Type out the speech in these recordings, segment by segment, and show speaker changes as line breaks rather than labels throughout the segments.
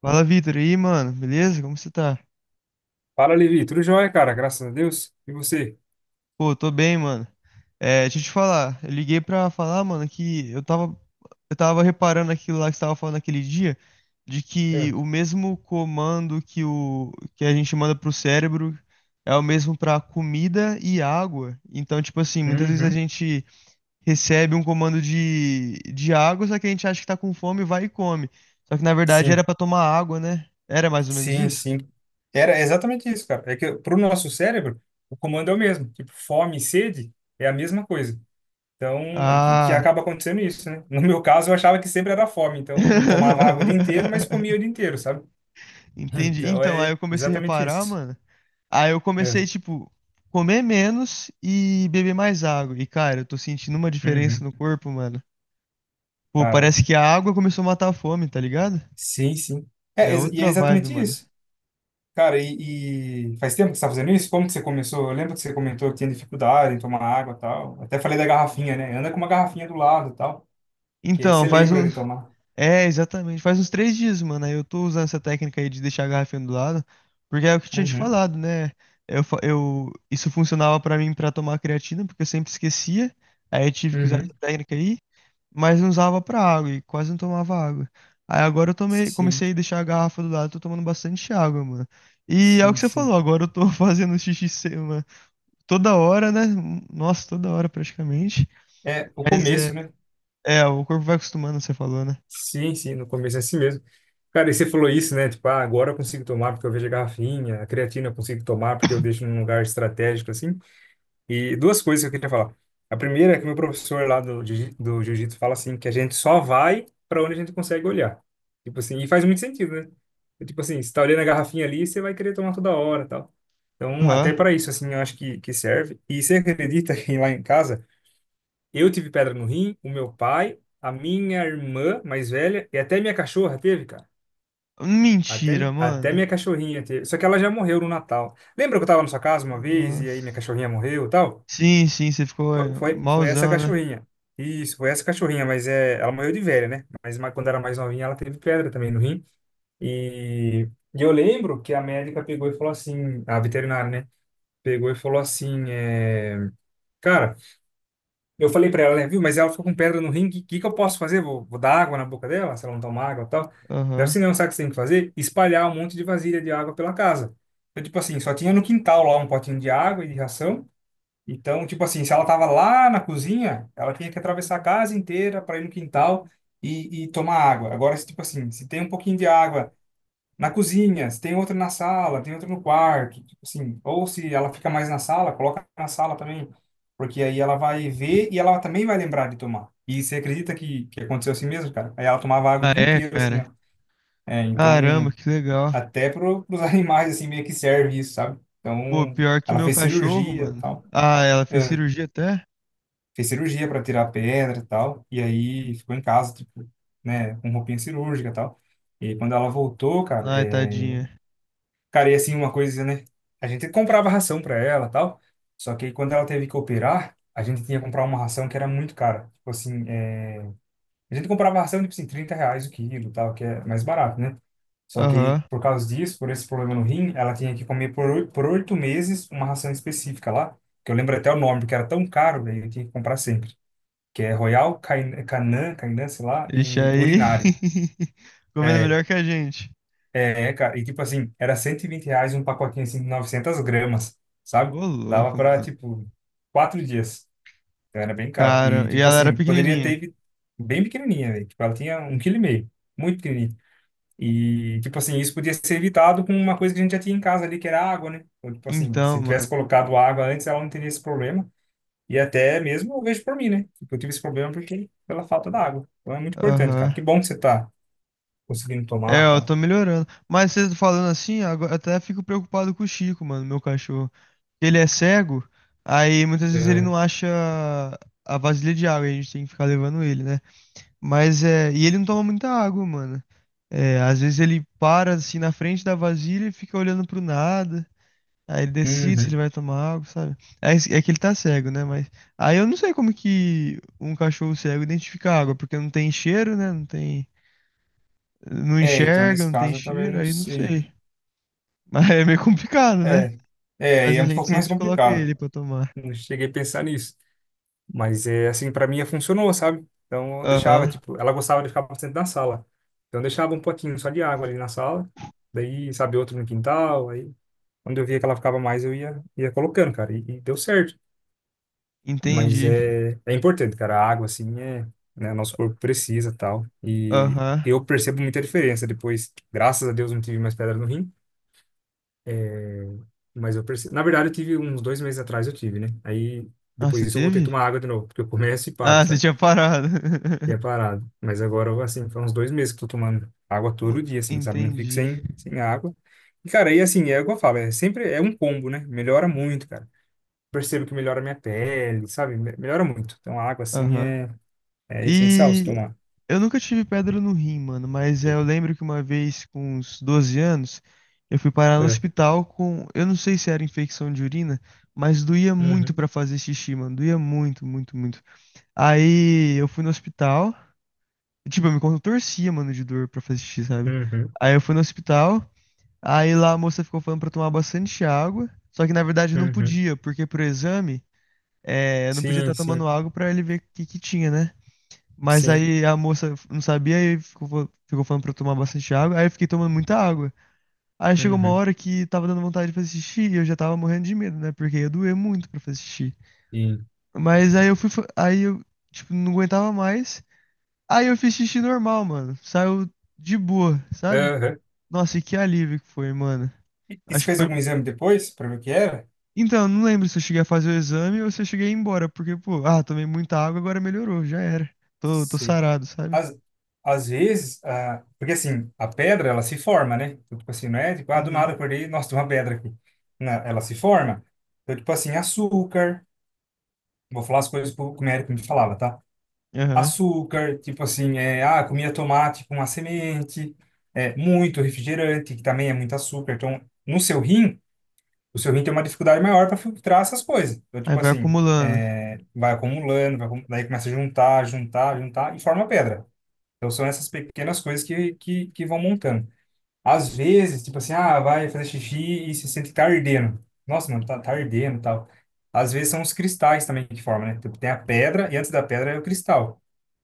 Fala, Vitor. E aí, mano? Beleza? Como você tá?
Fala, Levi. Tudo jóia, cara? Graças a Deus. E você?
Pô, tô bem, mano. É, deixa eu te falar. Eu liguei pra falar, mano, que eu tava reparando aquilo lá que você tava falando naquele dia, de que
É.
o mesmo comando que a gente manda pro cérebro é o mesmo pra comida e água. Então, tipo assim, muitas vezes a
Uhum.
gente recebe um comando de água, só que a gente acha que tá com fome, vai e come. Só que na verdade era
Sim,
pra tomar água, né? Era mais ou menos
sim,
isso?
sim. Era exatamente isso, cara. É que pro nosso cérebro, o comando é o mesmo. Tipo, fome e sede é a mesma coisa. Então, que
Ah.
acaba acontecendo isso, né? No meu caso, eu achava que sempre era fome. Então, eu não tomava água o dia inteiro, mas comia o dia inteiro, sabe?
Entendi.
Então,
Então, aí
é
eu comecei a
exatamente
reparar,
isso.
mano. Aí eu
É.
comecei, tipo, comer menos e beber mais água. E, cara, eu tô sentindo uma diferença
Uhum.
no corpo, mano. Pô,
Cara,
parece que a água começou a matar a fome, tá ligado?
sim, sim.
É
É, e é
outra vibe,
exatamente
mano.
isso. Cara, e faz tempo que você tá fazendo isso? Como que você começou? Eu lembro que você comentou que tinha dificuldade em tomar água e tal. Até falei da garrafinha, né? Anda com uma garrafinha do lado e tal, que aí
Então,
você
faz
lembra
um.
de tomar.
É, exatamente. Faz uns 3 dias, mano. Aí eu tô usando essa técnica aí de deixar a garrafinha do lado. Porque é o que eu tinha te
Uhum,
falado, né? Isso funcionava pra mim pra tomar creatina, porque eu sempre esquecia. Aí eu tive que usar
uhum.
essa técnica aí. Mas não usava pra água e quase não tomava água. Aí agora eu tomei,
Sim,
comecei a deixar a garrafa do lado, tô tomando bastante água, mano. E é o que
sim,
você
sim.
falou, agora eu tô fazendo xixi se- uma- toda hora, né? Nossa, toda hora praticamente.
É, o
Mas
começo, né?
é, o corpo vai acostumando, você falou, né?
Sim, sim, no começo é assim mesmo. Cara, e você falou isso, né? Tipo, ah, agora eu consigo tomar porque eu vejo a garrafinha, a creatina eu consigo tomar porque eu deixo num lugar estratégico, assim. E duas coisas que eu queria falar. A primeira é que meu professor lá do jiu-jitsu fala assim, que a gente só vai para onde a gente consegue olhar. Tipo assim, e faz muito sentido, né? É tipo assim, você tá olhando a garrafinha ali, você vai querer tomar toda hora, e tal. Então,
Aham.
até para isso assim, eu acho que serve. E você acredita que lá em casa eu tive pedra no rim, o meu pai, a minha irmã mais velha e até minha cachorra teve, cara. Até,
Mentira,
mi- até
mano.
minha cachorrinha teve. Só que ela já morreu no Natal. Lembra que eu tava na sua casa uma vez e aí minha
Nossa.
cachorrinha morreu e tal?
Sim, sim, você ficou é,
Foi essa
malzão, né?
cachorrinha. Isso, foi essa cachorrinha, mas é, ela morreu de velha, né? Mas quando era mais novinha, ela teve pedra também no rim. E eu lembro que a médica pegou e falou assim, a veterinária, né? Pegou e falou assim, é, cara, eu falei pra ela, né? Viu, mas ela ficou com pedra no rim, o que que eu posso fazer? Vou dar água na boca dela, se ela não tomar água e tal. Deve
Aham.
ser não, sabe o que você tem que fazer? Espalhar um monte de vasilha de água pela casa. Então, tipo assim, só tinha no quintal lá um potinho de água e de ração. Então, tipo assim, se ela tava lá na cozinha, ela tinha que atravessar a casa inteira para ir no quintal e tomar água. Agora, se, tipo assim, se tem um pouquinho de água na cozinha, se tem outra na sala, tem outra no quarto, tipo assim, ou se ela fica mais na sala, coloca na sala também, porque aí ela vai ver e ela também vai lembrar de tomar. E você acredita que aconteceu assim mesmo, cara? Aí ela tomava água o
Ah,
dia
é,
inteiro, assim,
cara.
ó. É, então,
Caramba, que legal.
até para os animais, assim, meio que serve isso, sabe?
Pô,
Então,
pior que
ela
meu
fez
cachorro,
cirurgia e
mano.
tal.
Ah, ela fez cirurgia até?
Fez cirurgia para tirar a pedra e tal, e aí ficou em casa, tipo, né, com roupinha cirúrgica e tal. E aí, quando ela voltou, cara,
Ai,
é...
tadinha.
cara, e assim, uma coisa, né, a gente comprava ração para ela e tal, só que aí quando ela teve que operar, a gente tinha que comprar uma ração que era muito cara, tipo assim, a gente comprava ração, tipo assim, R$ 30 o quilo e tal, que é mais barato, né? Só que aí,
Aham.
por causa disso, por esse problema no rim, ela tinha que comer por 8 meses uma ração específica lá, que eu lembro até o nome, porque era tão caro, velho, eu tinha que comprar sempre que é Royal Canin, sei lá,
Ixi,
e
aí.
Urinário.
Comendo
É,
melhor que a gente.
é, cara, e tipo assim, era R$ 120 um pacotinho assim de 900 gramas, sabe?
Ô,
Dava
louco,
pra,
mano.
tipo, 4 dias. Então era bem caro. E,
Cara, e
tipo
ela era
assim, poderia ter
pequenininha.
bem pequenininha, velho. Tipo, ela tinha um quilo e meio, muito pequenininha. E, tipo assim, isso podia ser evitado com uma coisa que a gente já tinha em casa ali, que era água, né? Então, tipo assim,
Então,
se tivesse
mano.
colocado água antes, ela não teria esse problema. E até mesmo eu vejo por mim, né? Tipo, eu tive esse problema porque pela falta da água. Então é muito importante, cara.
Aham.
Que bom que você tá conseguindo tomar,
É, ó, eu
tá?
tô melhorando. Mas você falando assim, agora até fico preocupado com o Chico, mano, meu cachorro. Ele é cego, aí muitas vezes ele
É.
não acha a vasilha de água, aí a gente tem que ficar levando ele, né? Mas é. E ele não toma muita água, mano. É, às vezes ele para assim na frente da vasilha e fica olhando pro nada. Aí ele decide se
Uhum.
ele vai tomar água, sabe? É, é que ele tá cego, né? Mas aí eu não sei como que um cachorro cego identifica a água, porque não tem cheiro, né? Não
É, então
enxerga,
nesse
não tem
caso eu também
cheiro,
não
aí não
sei.
sei. Mas é meio complicado, né?
É, é, e
Mas
é
a
um
gente
pouco mais
sempre coloca
complicado.
ele pra tomar.
Não cheguei a pensar nisso. Mas é assim, pra mim funcionou, sabe? Então eu deixava,
Aham,
tipo, ela gostava de ficar bastante na sala. Então eu deixava um potinho só de água ali na sala. Daí, sabe, outro no quintal. Aí, quando eu via que ela ficava mais, eu ia colocando, cara. E deu certo. Mas
entendi.
é importante, cara. A água, assim, é, né, nosso corpo precisa tal. E
Aham.
eu percebo muita diferença depois. Graças a Deus não tive mais pedra no rim. É, mas eu percebo. Na verdade, eu tive uns 2 meses atrás, eu tive, né? Aí
Ah,
depois
você
disso eu voltei a
teve?
tomar água de novo, porque eu começo e paro,
Ah, você
sabe?
tinha parado.
E é parado. Mas agora, assim, faz uns 2 meses que eu tô tomando água todo dia, assim, sabe? Não fico
Entendi.
sem água. E, cara, aí assim, é o que eu falo, é sempre é um combo, né? Melhora muito, cara. Percebo que melhora a minha pele, sabe? Melhora muito. Então, a água, assim,
Aham.
é. É essencial se
E
tomar.
eu nunca tive pedra no rim, mano, mas é, eu lembro que uma vez, com uns 12 anos, eu fui parar no
É.
hospital com, eu não sei se era infecção de urina, mas doía muito
Uhum,
pra fazer xixi, mano, doía muito, muito, muito. Aí eu fui no hospital, tipo, eu me contorcia, mano, de dor pra fazer xixi, sabe?
uhum,
Aí eu fui no hospital, aí lá a moça ficou falando pra tomar bastante água, só que na verdade eu não
uhum.
podia, porque pro exame, é, eu não podia
Sim,
estar
sim,
tomando água pra ele ver o que que tinha, né? Mas
sim.
aí a moça não sabia e ficou falando pra eu tomar bastante água. Aí eu fiquei tomando muita água. Aí chegou uma
Uhum,
hora que tava dando vontade de fazer xixi e eu já tava morrendo de medo, né? Porque ia doer muito pra fazer xixi.
sim.
Mas aí eu, tipo, não aguentava mais. Aí eu fiz xixi normal, mano. Saiu de boa, sabe?
Aham.
Nossa, e que alívio que foi, mano.
E você
Acho que
fez
foi.
algum exame depois para ver o que era?
Então, não lembro se eu cheguei a fazer o exame ou se eu cheguei a ir embora. Porque, pô, ah, tomei muita água, agora melhorou, já era. Tô
Sim.
sarado, sabe?
Às, às vezes, ah, porque assim, a pedra, ela se forma, né? Então, tipo assim, não é tipo, ah, do nada
Uhum.
acordei, nossa, tem uma pedra aqui. Não, ela se forma. Então, tipo assim, açúcar, vou falar as coisas que o médico me falava, tá?
Aham.
Açúcar, tipo assim, é, ah, comia tomate com a semente, é, muito refrigerante, que também é muito açúcar. Então, no seu rim, o seu rim tem uma dificuldade maior para filtrar essas coisas. Então,
Aí
tipo
vai
assim,
acumulando.
é, vai acumulando, daí começa a juntar, juntar, juntar e forma pedra. Então, são essas pequenas coisas que vão montando. Às vezes, tipo assim, ah, vai fazer xixi e se sente que tá ardendo. Nossa, mano, tá ardendo e tal. Às vezes são os cristais também que formam, né? Tipo, tem a pedra e antes da pedra é o cristal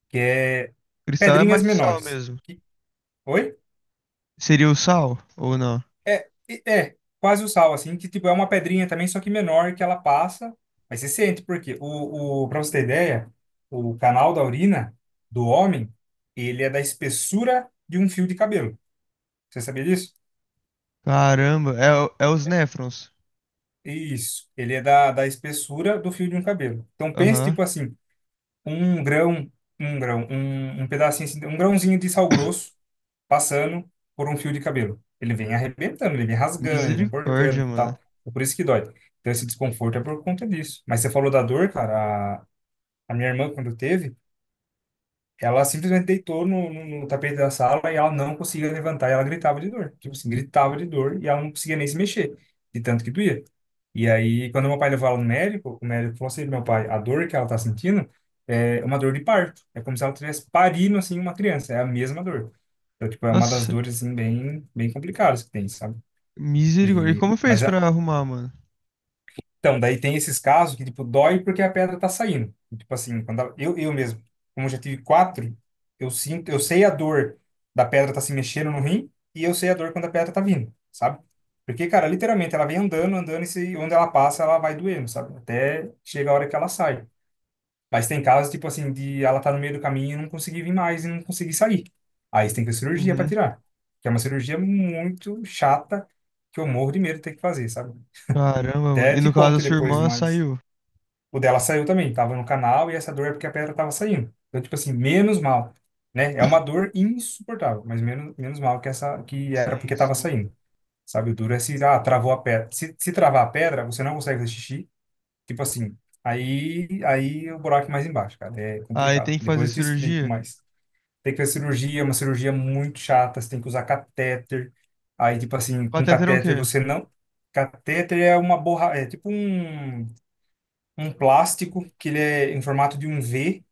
que é
Cristal é
pedrinhas
mais o sal
menores.
mesmo.
Oi?
Seria o sal ou não?
É, é, quase o sal, assim, que tipo é uma pedrinha também, só que menor, que ela passa, mas você sente, porque pra você ter ideia, o canal da urina do homem, ele é da espessura de um fio de cabelo. Você sabia disso?
Caramba, é, o- é os néfrons.
Isso, ele é da, espessura do fio de um cabelo. Então pense,
Aham.
tipo assim, um grão, um grão, um pedacinho, assim, um grãozinho de sal grosso passando por um fio de cabelo. Ele vem arrebentando, ele vem rasgando, ele vem cortando
Misericórdia,
e
mano.
tal. É por isso que dói. Então, esse desconforto é por conta disso. Mas você falou da dor, cara. A minha irmã, quando teve, ela simplesmente deitou no tapete da sala e ela não conseguia levantar e ela gritava de dor. Tipo assim, gritava de dor e ela não conseguia nem se mexer, de tanto que doía. E aí, quando meu pai levou ela no médico, o médico falou assim, meu pai, a dor que ela tá sentindo é uma dor de parto. É como se ela tivesse parindo, assim, uma criança. É a mesma dor. Então, tipo, é uma das
Nossa,
dores, assim, bem, bem complicadas que tem, sabe?
misericórdia. E
E,
como fez
mas
pra
a,
arrumar, mano?
então, daí tem esses casos que, tipo, dói porque a pedra tá saindo. E, tipo assim, quando eu mesmo, como eu já tive quatro, eu sinto, eu sei a dor da pedra tá se mexendo no rim e eu sei a dor quando a pedra tá vindo, sabe? Porque, cara, literalmente ela vem andando, andando e se, onde ela passa ela vai doendo, sabe? Até chega a hora que ela sai. Mas tem casos, tipo assim, de ela tá no meio do caminho e não conseguir vir mais e não conseguir sair. Aí você tem que fazer cirurgia pra
Uhum.
tirar. Que é uma cirurgia muito chata que eu morro de medo de ter que fazer, sabe?
Caramba, mano.
Até
E
te
no caso da
conto
sua
depois
irmã,
mais.
saiu.
O dela saiu também, tava no canal e essa dor é porque a pedra tava saindo. Então, tipo assim, menos mal, né? É uma dor insuportável, mas menos, menos mal que essa que era porque
Sim,
tava
sim.
saindo. Sabe, o duro é se ah, travou a pedra. Se travar a pedra, você não consegue fazer xixi. Tipo assim, aí o buraco é mais embaixo, cara. É
Aí
complicado.
tem que fazer
Depois eu te explico,
cirurgia?
mas tem que fazer cirurgia, é uma cirurgia muito chata, você tem que usar catéter. Aí, tipo assim, com
Catéter é o quê?
catéter você não. Catéter é uma borra, é tipo um plástico que ele é em formato de um V,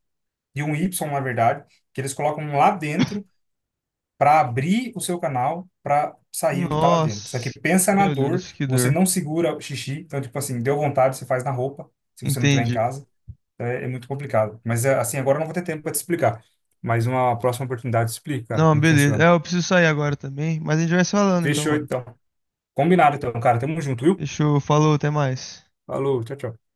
de um Y, na verdade, que eles colocam lá dentro para abrir o seu canal para sair o que está lá dentro. Só que
Nossa,
pensa na
meu
dor,
Deus, que
você
dor.
não segura o xixi, então, tipo assim, deu vontade, você faz na roupa, se você não tiver em
Entendi.
casa. Então, é muito complicado. Mas, é, assim, agora eu não vou ter tempo para te explicar. Mas uma próxima oportunidade te explico, cara,
Não,
como
beleza. É,
funciona.
eu preciso sair agora também, mas a gente vai se falando então,
Fechou,
mano.
então. Combinado, então, cara. Tamo junto, viu?
Fechou, falou, até mais.
Falou, tchau, tchau.